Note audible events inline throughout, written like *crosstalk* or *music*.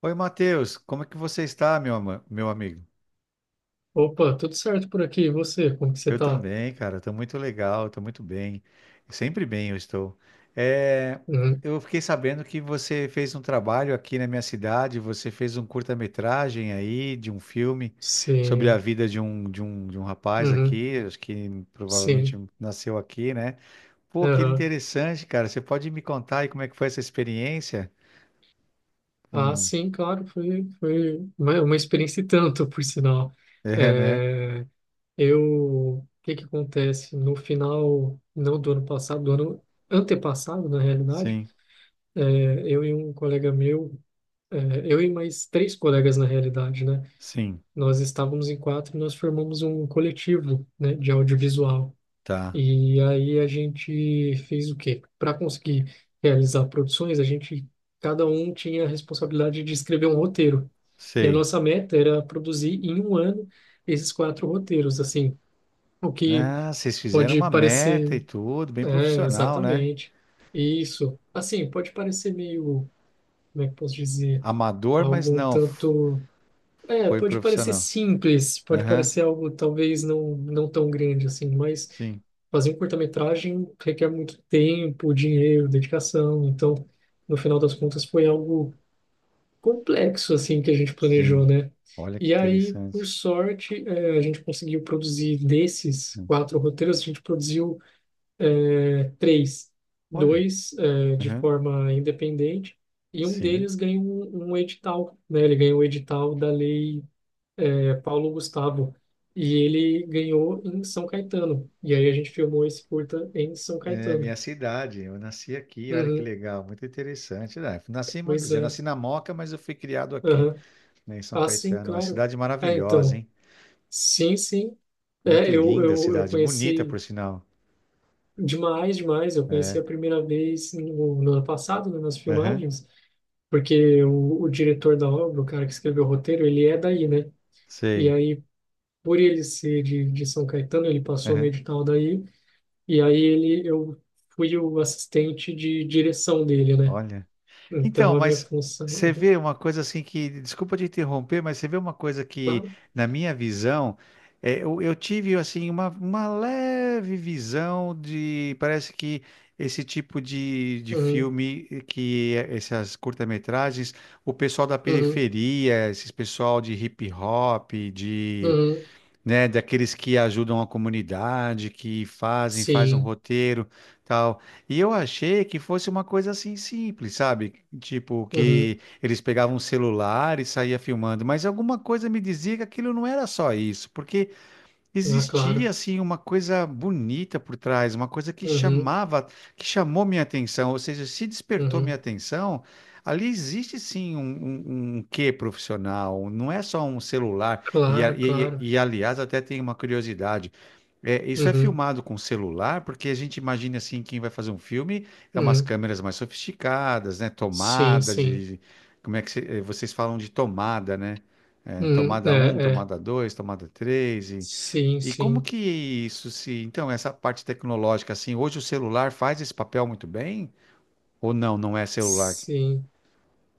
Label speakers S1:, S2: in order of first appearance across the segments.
S1: Oi, Matheus, como é que você está, meu, meu amigo?
S2: Opa, tudo certo por aqui. E você, como que você
S1: Eu
S2: tá?
S1: também, cara, estou muito legal, estou muito bem, sempre bem eu estou. É,
S2: Uhum.
S1: eu fiquei sabendo que você fez um trabalho aqui na minha cidade, você fez um curta-metragem aí de um filme sobre a
S2: Sim,
S1: vida de um rapaz
S2: uhum.
S1: aqui, acho que provavelmente
S2: Sim,
S1: nasceu aqui, né? Pô, que
S2: aham.
S1: interessante, cara, você pode me contar aí como é que foi essa experiência?
S2: Ah,
S1: Hum,
S2: sim, claro, foi uma experiência e tanto, por sinal.
S1: *laughs* é, né?
S2: É, o que que acontece? No final, não do ano passado, do ano antepassado, na realidade,
S1: Sim,
S2: é, eu e um colega meu, é, eu e mais três colegas, na realidade, né?
S1: sim,
S2: Nós estávamos em quatro e nós formamos um coletivo, né, de audiovisual.
S1: tá,
S2: E aí a gente fez o quê? Para conseguir realizar produções, a gente cada um tinha a responsabilidade de escrever um roteiro. E a
S1: sei.
S2: nossa meta era produzir em um ano esses quatro roteiros, assim, o que
S1: Ah, vocês fizeram
S2: pode
S1: uma meta
S2: parecer,
S1: e tudo, bem
S2: é,
S1: profissional, né?
S2: exatamente. Isso, assim, pode parecer meio, como é que posso dizer,
S1: Amador, mas
S2: algum
S1: não,
S2: tanto,
S1: foi
S2: pode parecer
S1: profissional.
S2: simples, pode
S1: Aham,
S2: parecer algo talvez não tão grande assim, mas
S1: sim,
S2: fazer um curta-metragem requer muito tempo, dinheiro, dedicação. Então, no final das contas, foi algo complexo assim que a gente planejou,
S1: sim.
S2: né?
S1: Olha que
S2: E aí, por
S1: interessante.
S2: sorte, a gente conseguiu produzir desses
S1: Hum,
S2: quatro roteiros, a gente produziu três,
S1: Olha,
S2: dois, de
S1: aham,
S2: forma independente. E um
S1: sim.
S2: deles ganhou um edital, né? Ele ganhou o edital da Lei, Paulo Gustavo. E ele ganhou em São Caetano. E aí a gente filmou esse curta em São
S1: É
S2: Caetano.
S1: minha cidade, eu nasci aqui, olha que
S2: Uhum,
S1: legal, muito interessante né? Nasci, vou
S2: pois
S1: dizer, eu
S2: é.
S1: nasci na Moca, mas eu fui criado aqui,
S2: Uhum.
S1: né, em São
S2: Ah, sim,
S1: Caetano. Uma
S2: claro.
S1: cidade
S2: É,
S1: maravilhosa,
S2: então,
S1: hein?
S2: sim, sim. É,
S1: Muito
S2: eu,
S1: linda a
S2: eu, eu
S1: cidade, bonita, por
S2: conheci
S1: sinal.
S2: demais, demais. Eu conheci a primeira vez no ano passado, né, nas
S1: Aham,
S2: filmagens, porque o diretor da obra, o cara que escreveu o roteiro, ele é daí, né? E
S1: sei.
S2: aí, por ele ser de São Caetano, ele passou no
S1: Aham,
S2: edital daí, e aí eu fui o assistente de direção dele, né?
S1: olha.
S2: Então,
S1: Então,
S2: a minha
S1: mas
S2: função...
S1: você
S2: Uhum,
S1: vê uma coisa assim que, desculpa te interromper, mas você vê uma coisa que,
S2: claro.
S1: na minha visão, eu tive assim uma, leve visão de, parece que esse tipo de
S2: Uhum,
S1: filme, essas curta-metragens, o pessoal da
S2: uhum,
S1: periferia, esses pessoal de hip hop,
S2: uhum,
S1: né, daqueles que ajudam a comunidade, que fazem, faz um
S2: sim.
S1: roteiro, tal. E eu achei que fosse uma coisa assim simples, sabe? Tipo
S2: Uhum.
S1: que eles pegavam um celular e saía filmando, mas alguma coisa me dizia que aquilo não era só isso, porque
S2: Ah,
S1: existia
S2: claro.
S1: assim uma coisa bonita por trás, uma coisa que
S2: Uhum.
S1: chamava, que chamou minha atenção, ou seja, se despertou minha
S2: Uhum.
S1: atenção, ali existe sim um, quê profissional, não é só um celular. E, a-
S2: Claro,
S1: e,
S2: claro.
S1: e, e, aliás, até tem uma curiosidade, isso é
S2: Uhum.
S1: filmado com celular, porque a gente imagina assim, quem vai fazer um filme é umas
S2: Uhum.
S1: câmeras mais sofisticadas, né?
S2: Sim,
S1: Tomada
S2: sim.
S1: de, como é que vocês falam de tomada, né? É,
S2: Uhum.
S1: tomada um
S2: É, é.
S1: tomada 2 tomada 3
S2: Sim,
S1: e como
S2: sim.
S1: que isso se. Então, essa parte tecnológica, assim, hoje o celular faz esse papel muito bem? Ou não, não é celular?
S2: Sim.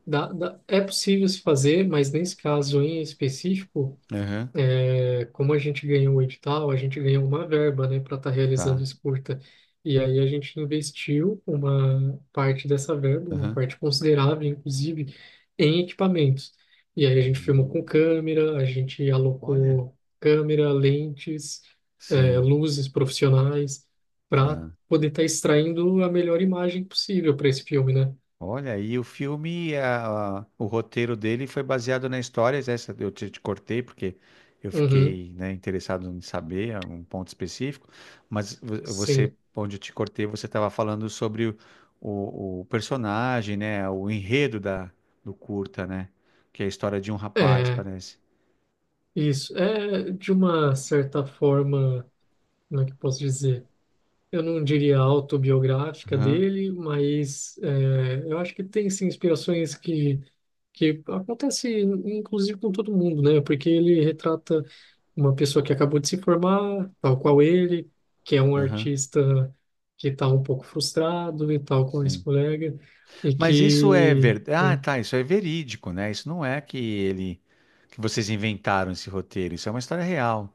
S2: Dá, dá. É possível se fazer, mas nesse caso em específico.
S1: Aham,
S2: É, como a gente ganhou o edital, a gente ganhou uma verba, né, para estar realizando
S1: tá.
S2: esse curta. E aí a gente investiu uma parte dessa verba, uma
S1: Aham.
S2: parte considerável, inclusive, em equipamentos. E aí a gente filmou
S1: Aham.
S2: com câmera, a gente
S1: Olha.
S2: alocou câmera, lentes,
S1: Sim,
S2: luzes profissionais, para
S1: tá.
S2: poder estar extraindo a melhor imagem possível para esse filme, né?
S1: Olha, e o filme, o roteiro dele foi baseado na história, né, essa eu te cortei porque eu
S2: Uhum,
S1: fiquei, né, interessado em saber um ponto específico, mas você,
S2: sim.
S1: onde eu te cortei, você estava falando sobre o, personagem, né, o enredo do curta, né, que é a história de um rapaz,
S2: É,
S1: parece.
S2: isso. É, de uma certa forma. Como é que eu posso dizer? Eu não diria autobiográfica
S1: Aham,
S2: dele, mas eu acho que tem sim inspirações que acontece inclusive com todo mundo, né? Porque ele retrata uma pessoa que acabou de se formar, tal qual ele, que é um
S1: aham,
S2: artista que está um pouco frustrado e tal com esse
S1: sim.
S2: colega. e
S1: Mas isso é
S2: que...
S1: verdade, ah,
S2: hum,
S1: tá, isso é verídico, né, isso não é que ele, que vocês inventaram esse roteiro, isso é uma história real.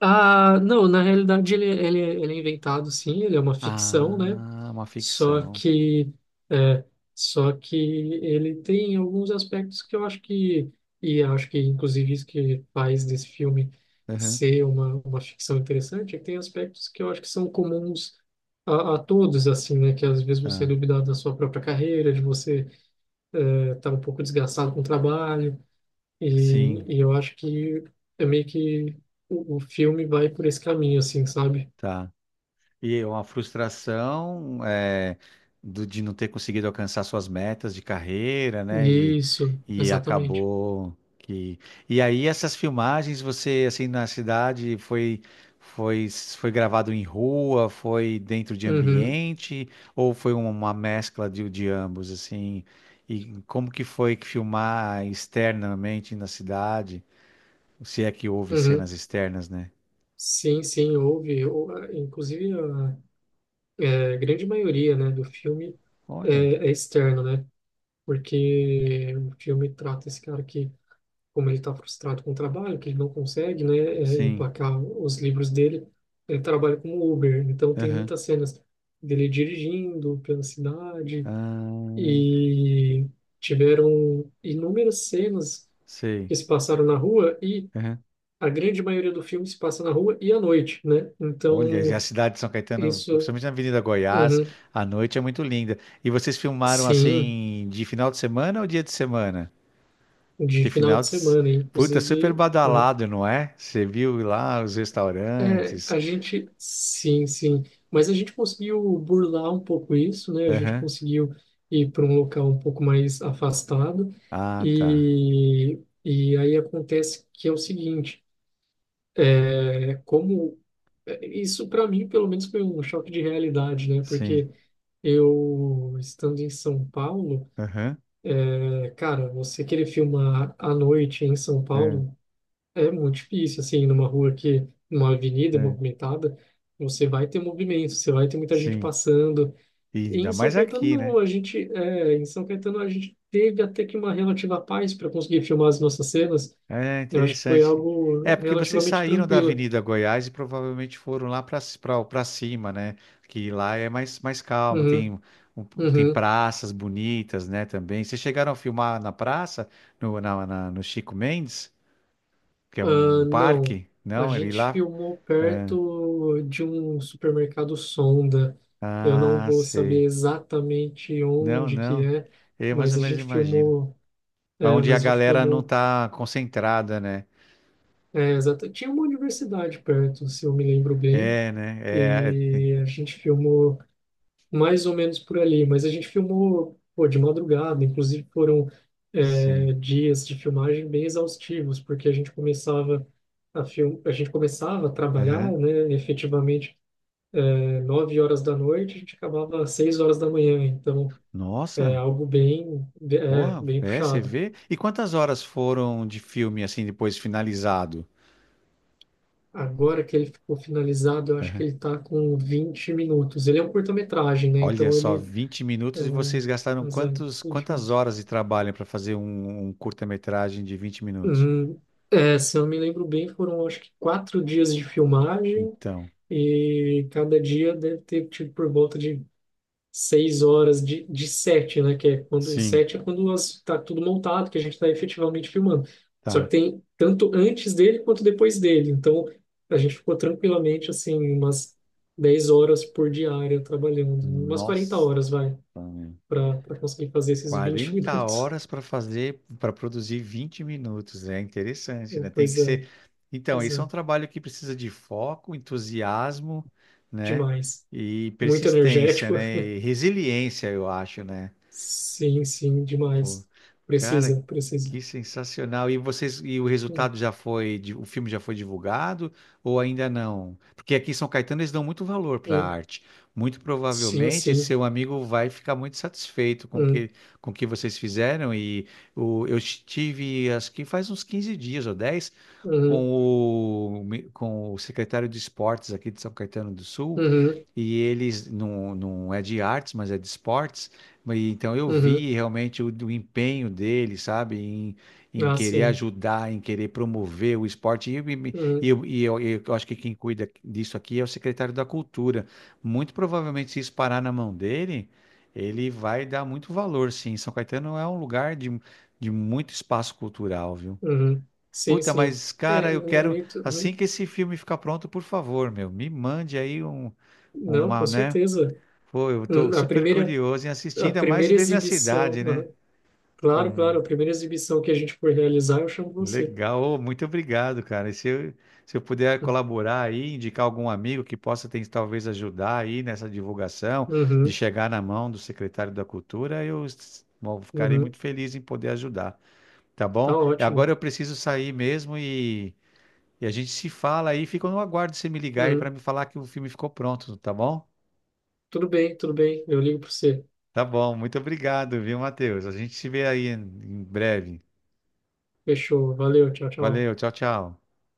S2: Ah, não, na realidade ele é inventado sim, ele é uma ficção, né?
S1: Ah, uma
S2: Só
S1: ficção.
S2: que, é, só que ele tem alguns aspectos que eu acho que, e eu acho que inclusive isso que faz desse filme
S1: Uhum,
S2: ser uma ficção interessante, é que tem aspectos que eu acho que são comuns a todos, assim, né? Que às vezes você é
S1: tá.
S2: duvidado da sua própria carreira, de você estar um pouco desgastado com o trabalho, e,
S1: Sim,
S2: e eu acho que é meio que o filme vai por esse caminho, assim, sabe?
S1: tá. E é uma frustração de não ter conseguido alcançar suas metas de carreira, né? E,
S2: Isso,
S1: e
S2: exatamente.
S1: acabou que. E aí essas filmagens, você assim na cidade foi gravado em rua, foi dentro de
S2: Uhum,
S1: ambiente ou foi uma mescla de ambos assim? E como que foi que filmar externamente na cidade? Se é que houve
S2: uhum.
S1: cenas externas, né?
S2: Sim, sim, houve. Ah, inclusive, a grande maioria, né, do filme
S1: Olha,
S2: é externo, né? Porque o filme trata esse cara que, como ele está frustrado com o trabalho, que ele não consegue, né,
S1: sim.
S2: emplacar os livros dele, ele trabalha como Uber. Então, tem
S1: Aham.
S2: muitas cenas dele dirigindo pela cidade
S1: Ah,
S2: e tiveram inúmeras cenas
S1: sei.
S2: que se passaram na rua e
S1: Aham.
S2: a grande maioria do filme se passa na rua e à noite, né?
S1: Olha, e a
S2: Então
S1: cidade de São Caetano,
S2: isso,
S1: principalmente na Avenida Goiás,
S2: uhum,
S1: à noite é muito linda. E vocês filmaram
S2: sim,
S1: assim de final de semana ou dia de semana?
S2: de
S1: Que
S2: final
S1: final
S2: de
S1: de. S-
S2: semana,
S1: Puta, super
S2: inclusive.
S1: badalado, não é? Você viu lá os restaurantes.
S2: A gente, sim, sim, mas a gente conseguiu burlar um pouco isso, né? A gente
S1: Aham.
S2: conseguiu ir para um local um pouco mais afastado
S1: Ah, tá.
S2: e, e aí acontece que é o seguinte, é, como isso para mim pelo menos foi um choque de realidade, né?
S1: Sim.
S2: Porque eu estando em São Paulo,
S1: Aham.
S2: cara, você querer filmar à noite em São
S1: É,
S2: Paulo é muito difícil, assim, numa rua que, numa avenida
S1: é.
S2: movimentada, você vai ter movimento, você vai ter muita gente
S1: Sim.
S2: passando.
S1: E
S2: E
S1: ainda
S2: em São
S1: mais
S2: Caetano,
S1: aqui, né?
S2: não, em São Caetano, a gente teve até que uma relativa paz para conseguir filmar as nossas cenas.
S1: É
S2: Eu acho que foi
S1: interessante. É,
S2: algo
S1: porque vocês
S2: relativamente
S1: saíram da
S2: tranquilo.
S1: Avenida Goiás e provavelmente foram lá para cima, né? Que lá é mais calmo,
S2: Uhum,
S1: um, tem
S2: uhum.
S1: praças bonitas, né? Também. Vocês chegaram a filmar na praça, no Chico Mendes, que é
S2: Ah,
S1: um
S2: não,
S1: parque?
S2: a
S1: Não, ele
S2: gente
S1: lá.
S2: filmou perto de um supermercado Sonda. Eu não
S1: Ah,
S2: vou saber
S1: sei.
S2: exatamente
S1: Não,
S2: onde que
S1: não.
S2: é,
S1: Eu mais
S2: mas
S1: ou
S2: a
S1: menos
S2: gente
S1: imagino.
S2: filmou.
S1: Onde a
S2: Mas a gente
S1: galera não
S2: filmou.
S1: tá concentrada, né?
S2: Tinha uma universidade perto, se eu me lembro bem,
S1: É, né?
S2: e a gente filmou mais ou menos por ali, mas a gente filmou, pô, de madrugada, inclusive foram,
S1: Sim.
S2: dias de filmagem bem exaustivos, porque a gente começava a gente começava a trabalhar,
S1: Aham.
S2: né, efetivamente, 9 horas da noite, a gente acabava às 6 horas da manhã, então é
S1: Nossa.
S2: algo bem,
S1: Pô,
S2: bem
S1: você
S2: puxado.
S1: vê? E quantas horas foram de filme assim depois finalizado?
S2: Agora que ele ficou finalizado, eu acho que
S1: Aham.
S2: ele tá com 20 minutos. Ele é um curta-metragem, né?
S1: Olha
S2: Então
S1: só,
S2: ele.
S1: 20 minutos e vocês gastaram
S2: Mas 20
S1: quantas
S2: minutos.
S1: horas de trabalho para fazer um curta-metragem de 20 minutos?
S2: Hum, Se eu me lembro bem, foram acho que 4 dias de filmagem
S1: Então,
S2: e cada dia deve ter tido por volta de 6 horas de sete, né? Que é quando o
S1: sim,
S2: set é quando está tudo montado, que a gente está efetivamente filmando. Só que
S1: tá.
S2: tem tanto antes dele quanto depois dele. Então a gente ficou tranquilamente assim umas 10 horas por diária trabalhando, umas 40
S1: Nossa,
S2: horas vai para conseguir fazer esses vinte *laughs*
S1: quarenta
S2: minutos.
S1: horas para fazer, para produzir 20 minutos. É interessante, né?
S2: Então,
S1: Tem que
S2: pois é,
S1: ser. Então,
S2: pois
S1: isso é um
S2: é,
S1: trabalho que precisa de foco, entusiasmo, né?
S2: demais.
S1: E
S2: Muito
S1: persistência,
S2: energético.
S1: né? E resiliência, eu acho, né?
S2: Sim, sim,
S1: Pô,
S2: demais.
S1: cara,
S2: Precisa,
S1: que
S2: precisa.
S1: sensacional. E vocês, e o
S2: Hum,
S1: resultado já foi, o filme já foi divulgado ou ainda não? Porque aqui em São Caetano eles dão muito valor para a
S2: hum,
S1: arte. Muito
S2: sim,
S1: provavelmente esse
S2: sim.
S1: seu amigo vai ficar muito satisfeito com o
S2: Hum,
S1: que, com o que vocês fizeram. E eu estive, acho que faz uns 15 dias ou 10
S2: uhum,
S1: com o, secretário de esportes aqui de São Caetano do Sul
S2: uhum,
S1: e eles não é de artes, mas é de esportes. Então eu
S2: uhum.
S1: vi realmente o empenho dele, sabe, em
S2: Ah,
S1: querer
S2: sim.
S1: ajudar, em querer promover o esporte. E, e, e
S2: Uhum,
S1: eu, e eu- eu acho que quem cuida disso aqui é o secretário da Cultura. Muito provavelmente, se isso parar na mão dele, ele vai dar muito valor, sim. São Caetano é um lugar de muito espaço cultural, viu?
S2: uhum. Sim,
S1: Puta,
S2: sim.
S1: mas
S2: É,
S1: cara, eu
S2: no
S1: quero
S2: momento,
S1: assim
S2: uhum.
S1: que esse filme ficar pronto, por favor, meu, me mande aí
S2: Não,
S1: uma,
S2: com
S1: né?
S2: certeza.
S1: Pô, eu tô
S2: Uhum. A
S1: super
S2: primeira,
S1: curioso em assistir,
S2: a
S1: ainda mais
S2: primeira
S1: ver minha
S2: exibição,
S1: cidade, né?
S2: uhum.
S1: Pô,
S2: Claro, claro, a primeira exibição que a gente for realizar, eu chamo você.
S1: legal, ô, muito obrigado, cara. Se eu puder colaborar aí, indicar algum amigo que possa talvez ajudar aí nessa divulgação, de
S2: Uhum,
S1: chegar na mão do secretário da Cultura, bom, ficarei muito
S2: uhum.
S1: feliz em poder ajudar, tá
S2: Tá
S1: bom? Agora
S2: ótimo.
S1: eu preciso sair mesmo. E a gente se fala aí, fica no aguardo de você me ligar aí para
S2: Uhum.
S1: me falar que o filme ficou pronto, tá bom?
S2: Tudo bem, tudo bem. Eu ligo para você.
S1: Tá bom, muito obrigado, viu, Matheus? A gente se vê aí em breve.
S2: Fechou. Valeu, tchau, tchau.
S1: Valeu, tchau, tchau.